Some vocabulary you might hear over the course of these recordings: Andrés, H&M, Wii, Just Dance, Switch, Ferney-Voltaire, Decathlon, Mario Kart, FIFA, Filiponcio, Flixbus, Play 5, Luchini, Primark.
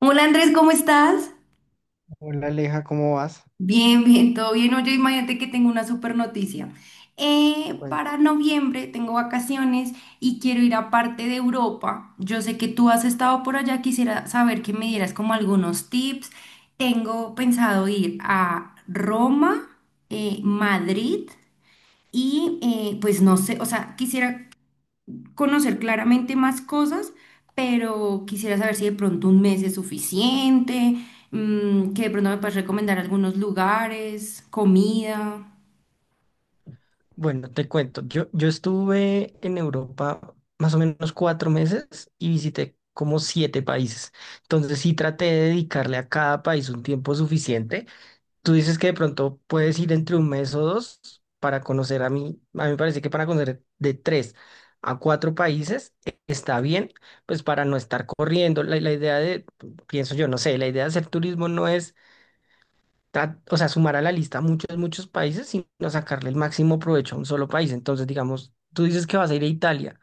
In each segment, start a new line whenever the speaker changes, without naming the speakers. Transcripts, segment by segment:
Hola Andrés, ¿cómo estás?
Hola Aleja, ¿cómo vas?
Bien, todo bien. Oye, imagínate que tengo una super noticia.
Cuen-
Para noviembre tengo vacaciones y quiero ir a parte de Europa. Yo sé que tú has estado por allá, quisiera saber que me dieras como algunos tips. Tengo pensado ir a Roma, Madrid y pues no sé, o sea, quisiera conocer claramente más cosas, pero quisiera saber si de pronto un mes es suficiente, que de pronto me puedes recomendar algunos lugares, comida.
Bueno, te cuento, yo estuve en Europa más o menos 4 meses y visité como 7 países. Entonces sí traté de dedicarle a cada país un tiempo suficiente. Tú dices que de pronto puedes ir entre un mes o dos para conocer a mí. A mí me parece que para conocer de tres a cuatro países está bien, pues para no estar corriendo. La idea de, pienso yo, no sé, la idea de hacer turismo no es o sea, sumar a la lista muchos países, sino sacarle el máximo provecho a un solo país. Entonces, digamos, tú dices que vas a ir a Italia,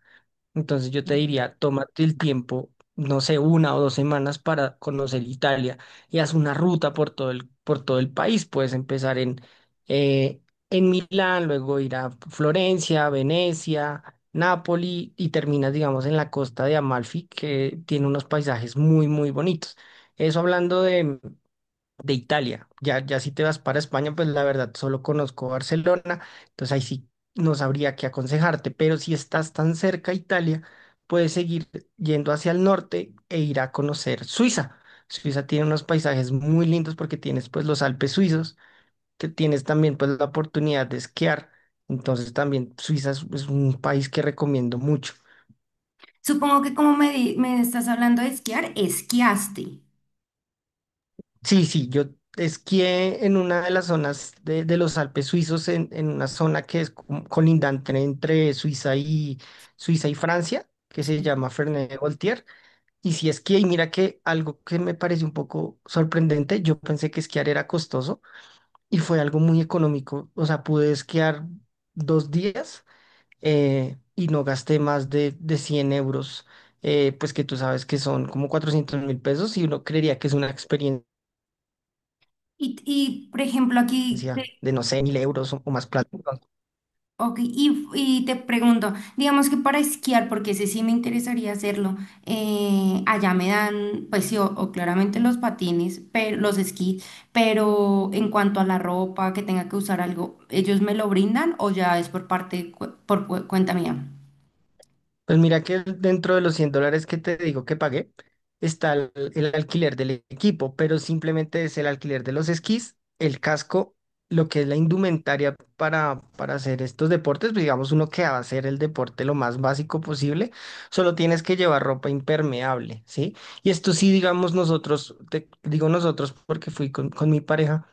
entonces yo te diría, tómate el tiempo, no sé, una o 2 semanas para conocer Italia y haz una ruta por todo por todo el país. Puedes empezar eh, en Milán, luego ir a Florencia, Venecia. Nápoli y terminas, digamos, en la costa de Amalfi, que tiene unos paisajes muy bonitos. Eso hablando de Italia. Ya si te vas para España, pues la verdad solo conozco Barcelona, entonces ahí sí no sabría qué aconsejarte, pero si estás tan cerca a Italia, puedes seguir yendo hacia el norte e ir a conocer Suiza. Suiza tiene unos paisajes muy lindos porque tienes pues los Alpes suizos, que tienes también pues la oportunidad de esquiar. Entonces también Suiza es un país que recomiendo mucho.
Supongo que como me estás hablando de esquiar, esquiaste.
Sí, sí, yo esquié en una de las zonas de los Alpes suizos, en una zona que es colindante entre Suiza y Francia, que se
Sí.
llama Ferney-Voltiers. Y sí esquié, y mira que algo que me pareció un poco sorprendente, yo pensé que esquiar era costoso y fue algo muy económico. O sea, pude esquiar 2 días y no gasté más de 100 euros, pues que tú sabes que son como 400.000 pesos y uno creería que es una experiencia
Por ejemplo, aquí
de, no sé, 1.000 euros o más plata.
ok. Y te pregunto, digamos que para esquiar, porque ese sí me interesaría hacerlo, allá me dan, pues sí, o claramente los patines, pero los esquís, pero en cuanto a la ropa, que tenga que usar algo, ¿ellos me lo brindan o ya es por parte, cuenta mía?
Pues mira que dentro de los 100 dólares que te digo que pagué, está el alquiler del equipo, pero simplemente es el alquiler de los esquís, el casco, lo que es la indumentaria para hacer estos deportes, pues digamos uno que va a hacer el deporte lo más básico posible, solo tienes que llevar ropa impermeable, ¿sí? Y esto sí, digamos nosotros, te, digo nosotros porque fui con mi pareja.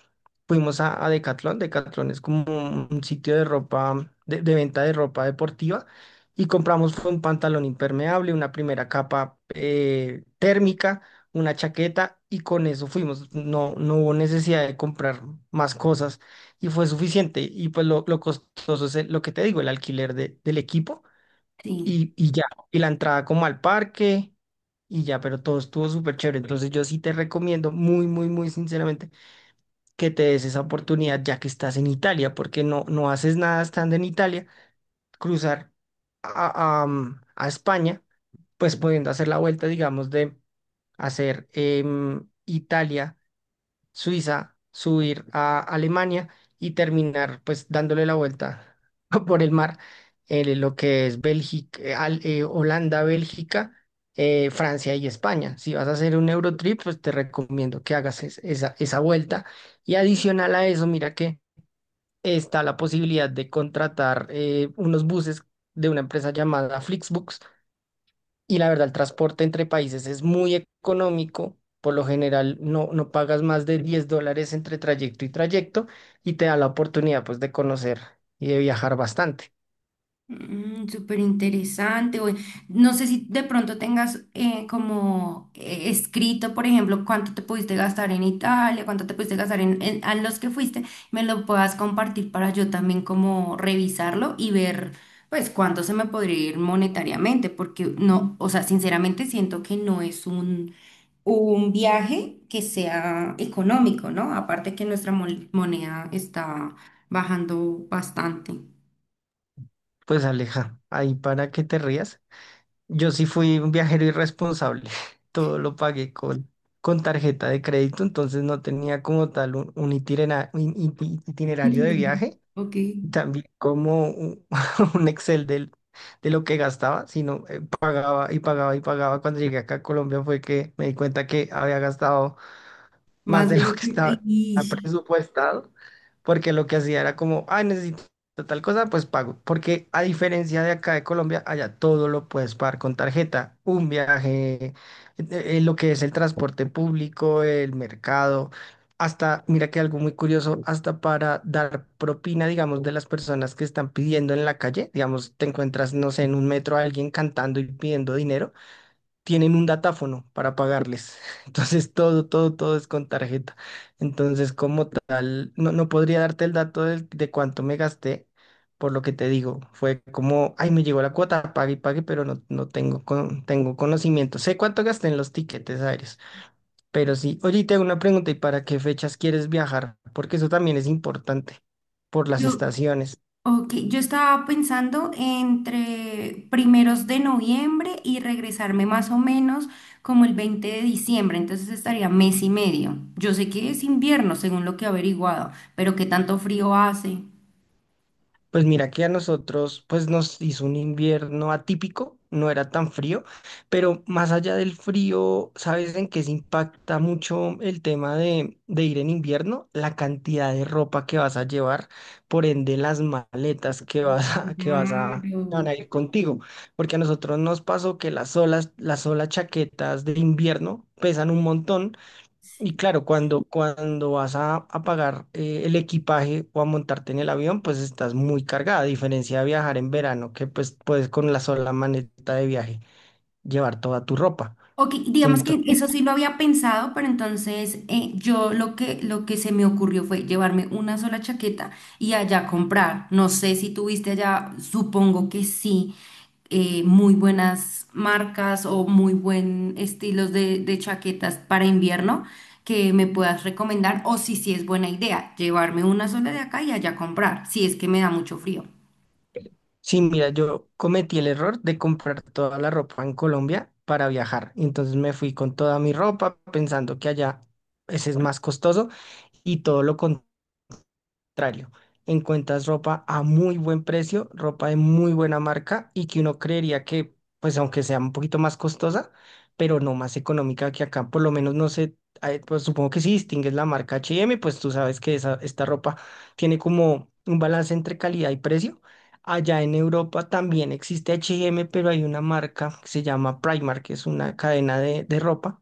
Fuimos a Decathlon. Decathlon es como un sitio de ropa, de venta de ropa deportiva y compramos fue un pantalón impermeable, una primera capa térmica, una chaqueta y con eso fuimos. No, no hubo necesidad de comprar más cosas y fue suficiente. Y pues lo costoso es lo que te digo, el alquiler del equipo
Sí.
y ya, y la entrada como al parque y ya, pero todo estuvo súper chévere. Entonces yo sí te recomiendo muy sinceramente que te des esa oportunidad ya que estás en Italia, porque no, no haces nada estando en Italia, cruzar a, a España pues pudiendo hacer la vuelta, digamos, de hacer Italia, Suiza, subir a Alemania y terminar pues dándole la vuelta por el mar, lo que es Bélgica, Holanda, Bélgica, Francia y España. Si vas a hacer un Eurotrip, pues te recomiendo que hagas esa, esa vuelta. Y adicional a eso, mira que está la posibilidad de contratar unos buses de una empresa llamada Flixbus y la verdad, el transporte entre países es muy económico. Por lo general, no, no pagas más de 10 dólares entre trayecto y trayecto y te da la oportunidad pues de conocer y de viajar bastante.
Mm, súper interesante. Oye, no sé si de pronto tengas como escrito, por ejemplo, cuánto te pudiste gastar en Italia, cuánto te pudiste gastar en, a los que fuiste, me lo puedas compartir para yo también como revisarlo y ver pues cuánto se me podría ir monetariamente, porque no, o sea, sinceramente siento que no es un viaje que sea económico, ¿no? Aparte que nuestra moneda está bajando bastante.
Pues Aleja, ahí para que te rías. Yo sí fui un viajero irresponsable. Todo lo pagué con tarjeta de crédito, entonces no tenía como tal un itinerario de
Y
viaje,
ok.
también como un, un Excel del, de lo que gastaba, sino pagaba y pagaba y pagaba. Cuando llegué acá a Colombia fue que me di cuenta que había gastado más
Más
de
de
lo
lo
que
que...
estaba
y
presupuestado, porque lo que hacía era como, ay, necesito tal cosa, pues pago. Porque a diferencia de acá de Colombia, allá todo lo puedes pagar con tarjeta, un viaje, eh, lo que es el transporte público, el mercado. Hasta, mira que algo muy curioso, hasta para dar propina, digamos, de las personas que están pidiendo en la calle, digamos, te encuentras, no sé, en un metro a alguien cantando y pidiendo dinero, tienen un datáfono para pagarles. Entonces todo es con tarjeta. Entonces, como tal, no, no podría darte el dato de cuánto me gasté, por lo que te digo, fue como, ay, me llegó la cuota, pague y pague, pero no, no tengo, con, tengo conocimiento. Sé cuánto gasté en los tiquetes aéreos, pero sí, oye, y te hago una pregunta, ¿y para qué fechas quieres viajar? Porque eso también es importante, por las
Yo,
estaciones.
ok, yo estaba pensando entre primeros de noviembre y regresarme más o menos como el 20 de diciembre, entonces estaría mes y medio. Yo sé que es invierno, según lo que he averiguado, pero ¿qué tanto frío hace?
Pues mira que a nosotros pues nos hizo un invierno atípico, no era tan frío, pero más allá del frío, ¿sabes en qué se impacta mucho el tema de ir en invierno? La cantidad de ropa que vas a llevar, por ende las maletas que que van
Claro.
a ir contigo, porque a nosotros nos pasó que las solas chaquetas de invierno pesan un montón y claro, cuando vas a pagar el equipaje o a montarte en el avión, pues estás muy cargada, a diferencia de viajar en verano, que pues puedes con la sola maneta de viaje llevar toda tu ropa.
Ok, digamos que
Entonces,
eso sí lo había pensado, pero entonces yo lo que se me ocurrió fue llevarme una sola chaqueta y allá comprar. No sé si tuviste allá, supongo que sí, muy buenas marcas o muy buen estilos de chaquetas para invierno que me puedas recomendar o si sí es buena idea llevarme una sola de acá y allá comprar, si es que me da mucho frío.
sí, mira, yo cometí el error de comprar toda la ropa en Colombia para viajar. Entonces me fui con toda mi ropa pensando que allá ese es más costoso y todo lo contrario. Contrario, encuentras ropa a muy buen precio, ropa de muy buena marca y que uno creería que, pues aunque sea un poquito más costosa, pero no más económica que acá, por lo menos no sé, pues supongo que si distingues la marca H&M, pues tú sabes que esta ropa tiene como un balance entre calidad y precio. Allá en Europa también existe H&M, pero hay una marca que se llama Primark, que es una cadena de ropa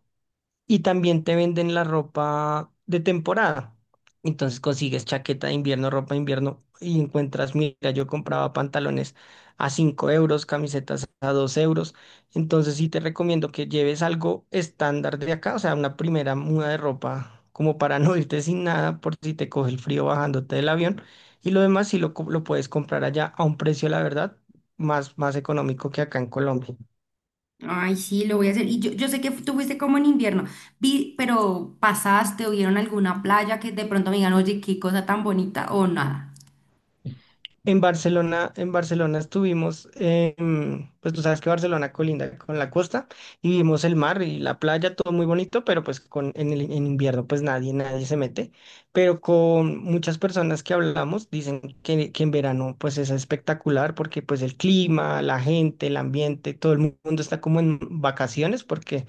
y también te venden la ropa de temporada. Entonces consigues chaqueta de invierno, ropa de invierno y encuentras, mira, yo compraba pantalones a 5 euros, camisetas a 2 euros. Entonces sí te recomiendo que lleves algo estándar de acá, o sea, una primera muda de ropa, como para no irte sin nada por si te coge el frío bajándote del avión. Y lo demás sí lo puedes comprar allá a un precio, la verdad, más económico que acá en Colombia.
Ay, sí, lo voy a hacer. Y yo sé que tú fuiste como en invierno, vi, pero pasaste o vieron alguna playa que de pronto me digan, oye, qué cosa tan bonita o nada.
En Barcelona estuvimos, pues tú sabes que Barcelona colinda con la costa y vimos el mar y la playa, todo muy bonito, pero pues en invierno pues nadie se mete, pero con muchas personas que hablamos dicen que en verano pues es espectacular porque pues el clima, la gente, el ambiente, todo el mundo está como en vacaciones porque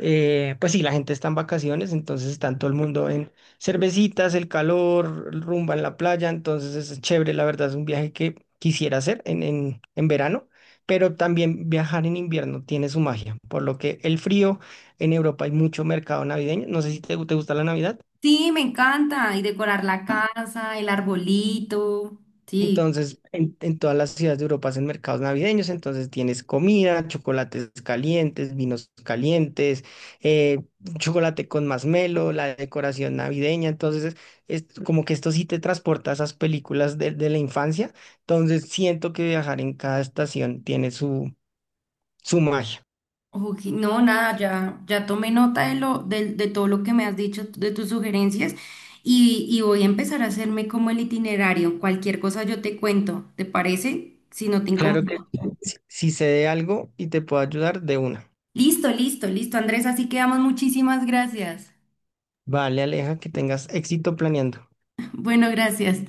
pues sí, la gente está en vacaciones, entonces está todo el mundo en cervecitas, el calor, rumba en la playa, entonces es chévere, la verdad es un viaje que quisiera hacer en verano, pero también viajar en invierno tiene su magia, por lo que el frío en Europa hay mucho mercado navideño, no sé si te, te gusta la Navidad.
Sí, me encanta. Y decorar la casa, el arbolito. Sí.
Entonces, en todas las ciudades de Europa hacen mercados navideños, entonces tienes comida, chocolates calientes, vinos calientes, eh, chocolate con masmelo, la decoración navideña, entonces es como que esto sí te transporta a esas películas de la infancia, entonces siento que viajar en cada estación tiene su, su magia.
Ok, no, nada, ya tomé nota de lo, de todo lo que me has dicho, de tus sugerencias, y voy a empezar a hacerme como el itinerario. Cualquier cosa yo te cuento, ¿te parece? Si no te
Claro que
incomoda.
si, si sé de algo y te puedo ayudar, de una.
Listo, listo, listo, Andrés, así quedamos. Muchísimas gracias.
Vale, Aleja, que tengas éxito planeando.
Bueno, gracias.